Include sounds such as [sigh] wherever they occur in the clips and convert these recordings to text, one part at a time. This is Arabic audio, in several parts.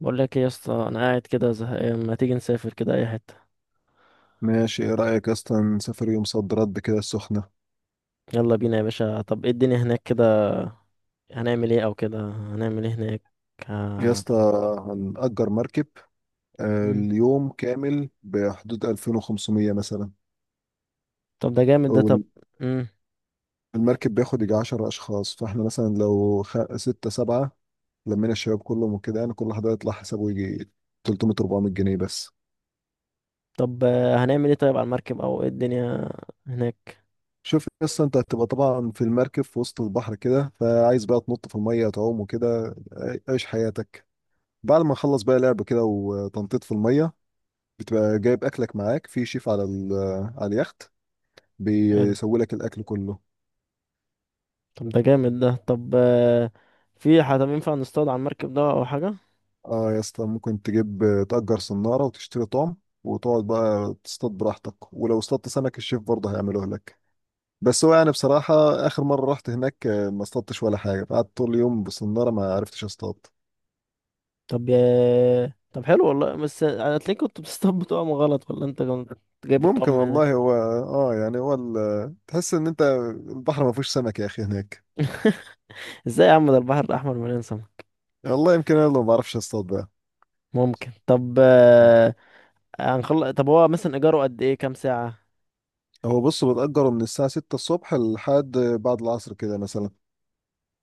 بقول لك ايه يا اسطى، انا قاعد كده زهقان. ما تيجي نسافر كده اي حته؟ ماشي، ايه رأيك يا اسطى نسافر يوم صد رد كده السخنة؟ يلا بينا يا باشا. طب ايه الدنيا هناك كده؟ هنعمل ايه؟ او كده هنعمل ايه هناك؟ يا ه- اسطى، هنأجر مركب. مم. اليوم كامل بحدود 2500 مثلا. طب ده جامد ده. طب والمركب مم. بياخد يجي 10 أشخاص، فاحنا مثلا لو ستة سبعة لمينا الشباب كلهم وكده، يعني كل واحد هيطلع حسابه يجي 300 400 جنيه بس. طب هنعمل ايه طيب على المركب او ايه الدنيا هناك؟ شوف يا اسطى، انت هتبقى طبعا في المركب في وسط البحر كده، فعايز بقى تنط في المية تعوم وكده. عيش حياتك. بعد ما نخلص بقى لعب كده وتنطيط في المية، بتبقى جايب اكلك معاك. في شيف على على اليخت حلو. بيسوي لك الاكل كله. طب ده جامد ده. طب في حد ينفع نصطاد على المركب ده او حاجه؟ اه يا اسطى، ممكن تجيب تأجر صنارة وتشتري طعم، وتقعد بقى تصطاد براحتك، ولو اصطادت سمك الشيف برضه هيعمله لك. بس هو يعني بصراحة، آخر مرة رحت هناك ما اصطادتش ولا حاجة، قعدت طول اليوم بالصنارة ما عرفتش اصطاد. طب طب حلو والله. بس هتلاقيك كنت بتصطاد بطعم غلط، ولا انت كنت جايب الطعم ممكن من هناك؟ والله. هو يعني هو تحس ان انت البحر ما فيهوش سمك يا اخي هناك. ازاي يا عم؟ ده البحر الاحمر مليان سمك. والله يمكن انا اللي ما بعرفش اصطاد بقى. ممكن. طب هنخلص، طب هو مثلا ايجاره قد ايه؟ كام ساعة؟ هو بص، بتأجره من الساعة 6 الصبح لحد بعد العصر كده مثلا.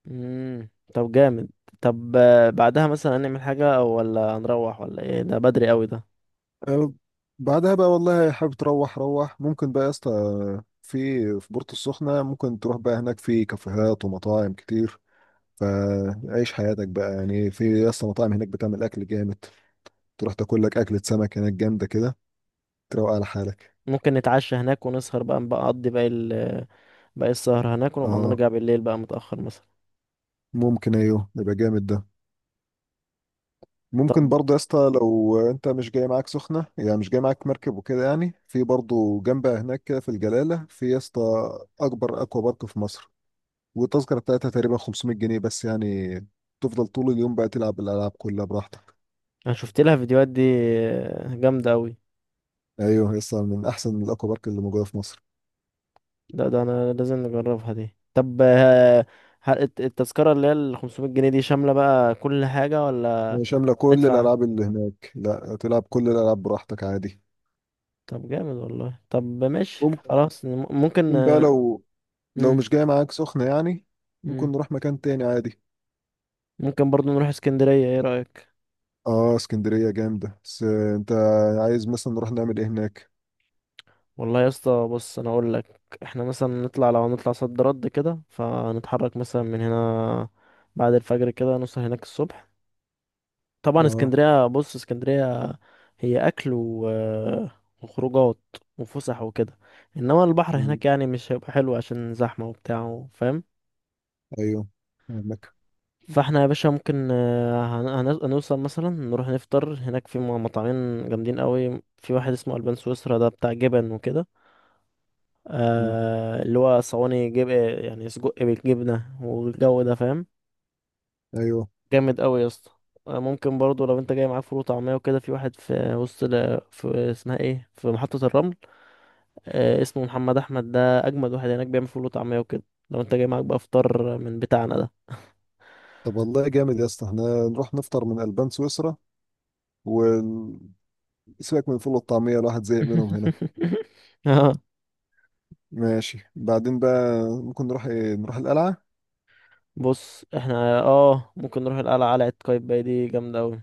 امم. طب جامد. طب بعدها مثلا هنعمل حاجة أو ولا هنروح ولا ايه؟ ده بدري قوي ده. أه، بعدها بقى والله حابب تروح روح، ممكن بقى يا اسطى في في بورتو السخنة. ممكن تروح بقى هناك، في كافيهات ومطاعم كتير، فعيش حياتك بقى، يعني في يا اسطى مطاعم هناك بتعمل أكل جامد، تروح تاكل لك أكلة سمك هناك جامدة كده، تروق على حالك. ممكن نتعشى هناك ونسهر بقى، نبقى نقضي باقي ال باقي السهر هناك ونبقى اه نرجع بالليل بقى متأخر مثلا. ممكن. ايوه، يبقى جامد ده. ممكن برضه يا اسطى، لو انت مش جاي معاك سخنه يعني، مش جاي معاك مركب وكده، يعني في برضه جنبها هناك كده، في الجلاله، في يا اسطى اكبر اكوا بارك في مصر. والتذكره بتاعتها تقريبا 500 جنيه بس، يعني تفضل طول اليوم بقى تلعب الالعاب كلها براحتك. انا شفت لها فيديوهات دي، جامدة قوي. ايوه يا اسطى، من احسن الاكوا بارك اللي موجوده في مصر. ده انا لازم نجربها دي. طب التذكرة اللي هي ال 500 جنيه دي شاملة بقى كل حاجة ولا شامله كل هندفع؟ الالعاب اللي هناك، لا تلعب كل الالعاب براحتك عادي. طب جامد والله. طب ماشي ممكن خلاص. ممكن ممكن بقى لو مم. مش جاي معاك سخنه يعني، مم. ممكن نروح مكان تاني عادي. ممكن برضو نروح اسكندرية، ايه رأيك؟ اه اسكندرية جامدة، بس انت عايز مثلا نروح نعمل ايه هناك؟ والله يا اسطى بص، انا اقول لك احنا مثلا نطلع، لو هنطلع صد رد كده، فنتحرك مثلا من هنا بعد الفجر كده، نوصل هناك الصبح. طبعا اه. اسكندرية، بص اسكندرية هي اكل و... وخروجات وفسح وكده، انما البحر مم. هناك يعني مش هيبقى حلو عشان زحمة وبتاع، فاهم؟ ايوه، فاهمك. فاحنا يا باشا ممكن هنوصل مثلا نروح نفطر هناك في مطعمين جامدين قوي. في واحد اسمه البان سويسرا، ده بتاع جبن وكده، مم. آه اللي هو صواني جب يعني سجق بالجبنه والجو ده، فاهم؟ ايوه. جامد قوي يا اسطى. ممكن برضو لو انت جاي معاك فول وطعميه وكده، في واحد في وسط في اسمها ايه، في محطه الرمل، آه اسمه محمد احمد، ده اجمد واحد هناك، بيعمل فول وطعميه وكده، لو انت جاي معاك بقى فطار من بتاعنا ده. طب والله جامد يا اسطى، احنا نروح نفطر من البان سويسرا، وسيبك من الفول والطعمية، الواحد زهق منهم هنا. [laughs] [laughs] اه. ماشي، بعدين بقى ممكن نروح ايه، نروح القلعة. بص احنا اه ممكن نروح القلعة، قلعة قايتباي دي جامدة اوي.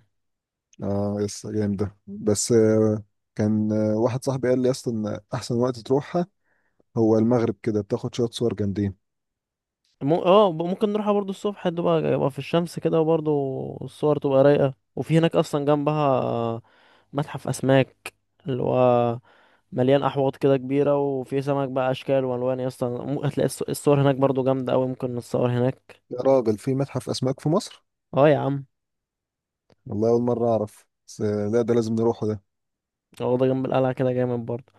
اه يا اسطى جامدة، بس كان واحد صاحبي قال لي يا اسطى، ان احسن وقت تروحها هو المغرب كده، بتاخد شوية صور جامدين. اه ممكن نروحها برضو الصبح، تبقى يبقى في الشمس كده، وبرضو الصور تبقى رايقة. وفي هناك اصلا جنبها متحف اسماك، اللي هو مليان احواض كده كبيرة، وفي سمك بقى اشكال والوان. اصلا هتلاقي الصور هناك برضو جامدة اوي، ممكن نتصور هناك. يا راجل، في متحف اسماك في مصر؟ اه يا عم. والله اول مره اعرف. بس لا، ده لازم نروحه ده. واخدة جنب القلعة كده، جامد برضه.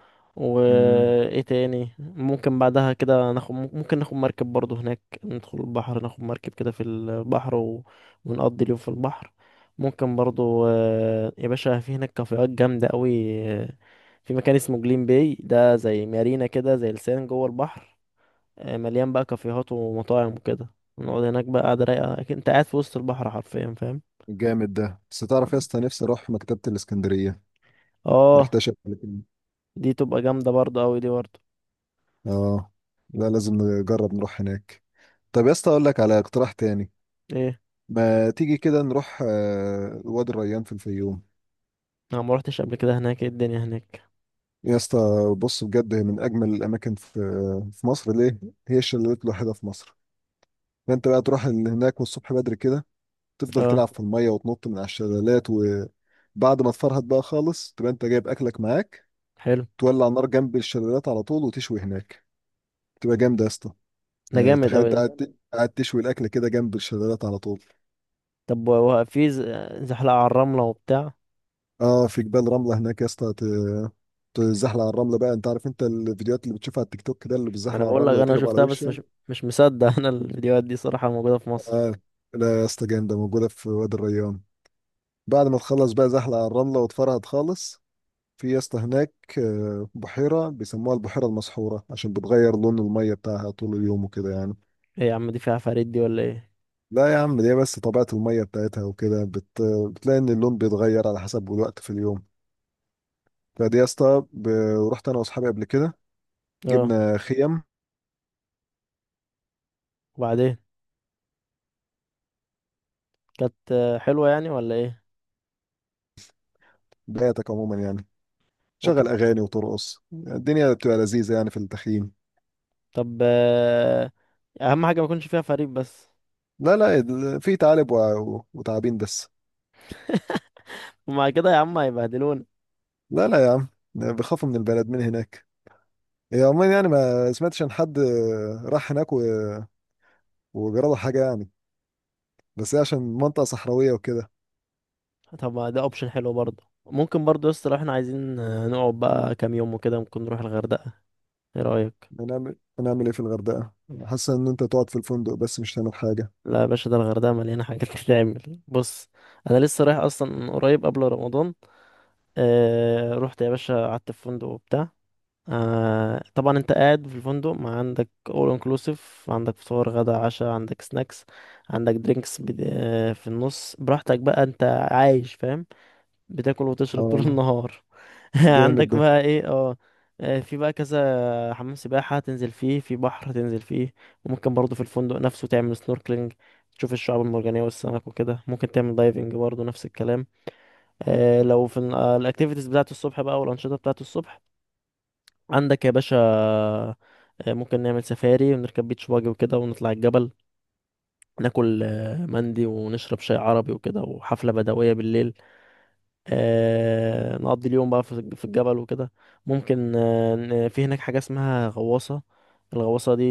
امم. وايه تاني ممكن بعدها كده ناخد؟ ممكن ناخد مركب برضه هناك، ندخل البحر، ناخد مركب كده في البحر و... ونقضي اليوم في البحر. ممكن برضه يا باشا، في هناك كافيهات جامدة قوي. في مكان اسمه جليم باي، ده زي مارينا كده، زي لسان جوه البحر، مليان بقى كافيهات ومطاعم وكده. نقعد هناك بقى، قاعدة رايقة، أكيد انت قاعد في وسط البحر حرفيا، فاهم؟ جامد ده. بس تعرف يا اسطى، نفسي اروح مكتبه الاسكندريه، ما اه رحتهاش قبل كده. دي تبقى جامدة برضه قوي دي برضه. اه. لا، لازم نجرب نروح هناك. طب يا اسطى، اقول لك على اقتراح تاني. ايه؟ ما تيجي كده نروح وادي الريان في الفيوم؟ انا ما روحتش قبل كده هناك. ايه الدنيا هناك؟ يا اسطى، بص بجد، هي من اجمل الاماكن في في مصر. ليه؟ هي الشلالات الوحيده في مصر. فانت بقى تروح هناك، والصبح بدري كده تفضل اه تلعب في الميه وتنط من على الشلالات. وبعد ما تفرهد بقى خالص، تبقى انت جايب اكلك معاك، حلو، تولع النار جنب الشلالات على طول وتشوي هناك. تبقى جامده يا اسطى. ده يعني جامد تخيل قوي انت ده. قاعد تشوي الاكل كده جنب الشلالات على طول. طب وهو في زحلقة على الرملة وبتاع؟ اه، في جبال رمله هناك يا اسطى، تزحلق على الرمله. بقى انت عارف انت الفيديوهات اللي بتشوفها على التيك توك ده، اللي بيزحلق انا على بقول لك الرمله انا ويتقلب على شفتها، بس وشه. مش مصدق [laughs] انا الفيديوهات دي صراحة موجودة في مصر؟ اه، لا يا اسطى، جامده موجوده في وادي الريان. بعد ما تخلص بقى زحلق على الرمله وتفرهد خالص. في يا اسطى هناك بحيره بيسموها البحيره المسحوره، عشان بتغير لون الميه بتاعها طول اليوم وكده يعني. ايه يا عم، دي فيها عفاريت دي ولا ايه؟ لا يا عم، دي بس طبيعة المية بتاعتها وكده بتلاقي إن اللون بيتغير على حسب الوقت في اليوم. فدي يا اسطى رحت أنا وأصحابي قبل كده، اه، جبنا خيم. وبعدين؟ كانت حلوة يعني ولا ايه؟ بياتك عموما يعني تشغل وكانت أغاني وترقص، الدنيا بتبقى لذيذة يعني في التخييم. طب اهم حاجة ما يكونش فيها فريق بس. لا، لا، في تعالب وتعابين بس. ومع كده يا عم هيبهدلونا. لا، لا يا عم، بيخافوا من البلد من هناك. هي عموما يعني ما سمعتش عن حد راح هناك وجرى له حاجة يعني. بس هي عشان منطقة صحراوية وكده. طب ما ده اوبشن حلو برضه. ممكن برضه يا اسطى، لو احنا عايزين نقعد بقى كام يوم وكده، ممكن نروح الغردقة، ايه رأيك؟ هنعمل ايه في الغردقة؟ حاسس ان انت تقعد في الفندق بس مش هتعمل حاجة. لا يا باشا، ده الغردقة مليانة حاجات [laughs] تتعمل. بص أنا لسه رايح أصلا قريب قبل رمضان، آه رحت يا باشا، قعدت في فندق وبتاع. آه طبعا أنت قاعد في الفندق، ما عندك أول انكلوسيف، عندك فطار غدا عشاء، عندك سناكس، عندك درينكس، آه في النص براحتك بقى أنت عايش، فاهم؟ بتاكل وتشرب طول اه، النهار. [laughs] جامد عندك ده. بقى ايه، اه، في بقى كذا حمام سباحة تنزل فيه، في بحر تنزل فيه. وممكن برضه في الفندق نفسه تعمل سنوركلينج، تشوف الشعاب المرجانية والسمك وكده. ممكن تعمل دايفنج برضه نفس الكلام. لو في الاكتيفيتيز بتاعة الصبح بقى والأنشطة بتاعة الصبح، عندك يا باشا ممكن نعمل سفاري ونركب بيتش باجي وكده، ونطلع الجبل، ناكل مندي، ونشرب شاي عربي وكده، وحفلة بدوية بالليل. نقضي اليوم بقى في في الجبل وكده. ممكن في هناك حاجة اسمها غواصة، الغواصة دي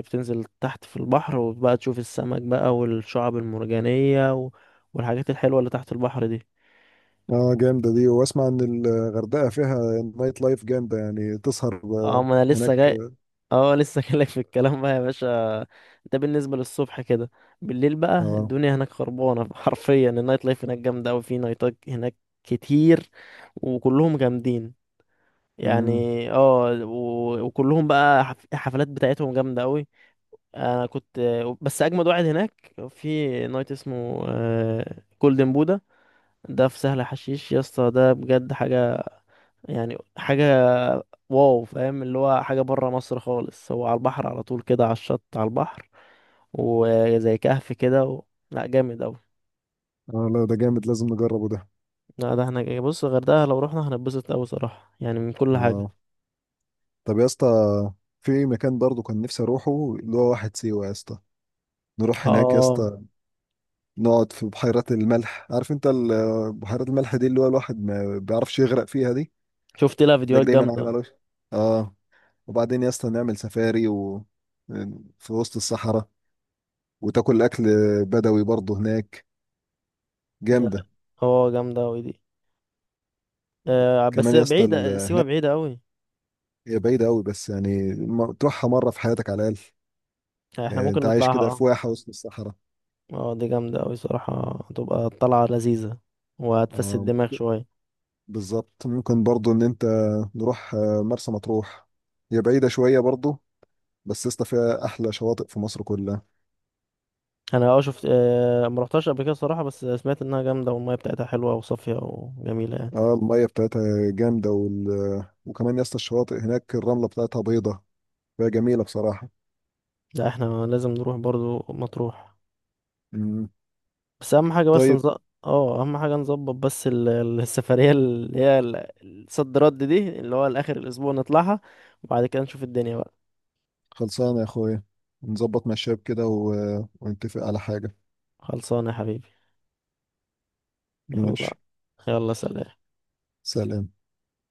بتنزل تحت في البحر، وبقى تشوف السمك بقى والشعب المرجانية و- والحاجات الحلوة اللي تحت البحر دي. اه، جامدة دي. واسمع ان الغردقة فيها نايت لايف جامدة، يعني تسهر اه ما انا هناك. لسه جاي. [laughs] اه لسه جايلك في الكلام بقى يا باشا. ده بالنسبة للصبح كده. بالليل بقى اه. الدنيا هناك خربانة [laughs] حرفيا. النايت لايف هناك جامدة أوي، في نايتات هناك كتير، وكلهم جامدين يعني. امم. اه وكلهم بقى الحفلات بتاعتهم جامدة قوي. انا كنت، بس اجمد واحد هناك، في نايت اسمه جولدن بودا، ده في سهل حشيش يا اسطى. ده بجد حاجة يعني، حاجة واو، فاهم؟ اللي هو حاجة برا مصر خالص. هو على البحر على طول كده، على الشط على البحر، وزي كهف كده و... لا جامد قوي. اه، لا ده جامد، لازم نجربه ده. لا ده احنا بص، الغردقة لو رحنا هنتبسط قوي صراحة يعني من كل حاجة. اه، طب يا اسطى، في مكان برضه كان نفسي اروحه، اللي هو واحد سيوة يا اسطى. نروح هناك يا اه اسطى، نقعد في بحيرات الملح. عارف انت بحيرات الملح دي، اللي هو الواحد ما بيعرفش يغرق فيها دي، شفت لها تلاقيك فيديوهات دايما عايم جامدة. على وشك. اه. وبعدين يا اسطى نعمل سفاري في وسط الصحراء، وتاكل اكل بدوي برضه هناك. ده جامده. هو جامدة أوي دي. آه بس كمان يا اسطى بعيدة، سيوة هناك، بعيدة أوي. هي بعيده قوي، بس يعني تروحها مره في حياتك على الاقل. احنا يعني ممكن انت عايش نطلعها، كده في اه. واحه وسط الصحراء. اه دي جامدة أوي صراحة، هتبقى طلعة لذيذة وهتفسد آه الدماغ ممكن. شوية. بالظبط. ممكن برضه ان انت نروح مرسى مطروح. هي بعيده شويه برضه، بس يا اسطى فيها احلى شواطئ في مصر كلها. أنا اه شفت آه مروحتهاش قبل كده صراحة، بس سمعت إنها جامدة والمية بتاعتها حلوة وصافية وجميلة يعني. اه، الميه بتاعتها جامده وكمان يا اسطى، الشواطئ هناك الرمله بتاعتها بيضه، فهي جميله بصراحه. لا احنا لازم نروح برضو مطروح. مم. بس أهم حاجة بس طيب. نظبط، اه أهم حاجة نظبط بس السفرية اللي هي الصد رد دي، اللي هو لآخر الأسبوع نطلعها، وبعد كده نشوف الدنيا بقى. خلصانة يا أخويا، نظبط مع الشباب كده ونتفق على حاجة. خلصانة يا حبيبي. يلا. ماشي. يلا سلام. سلام.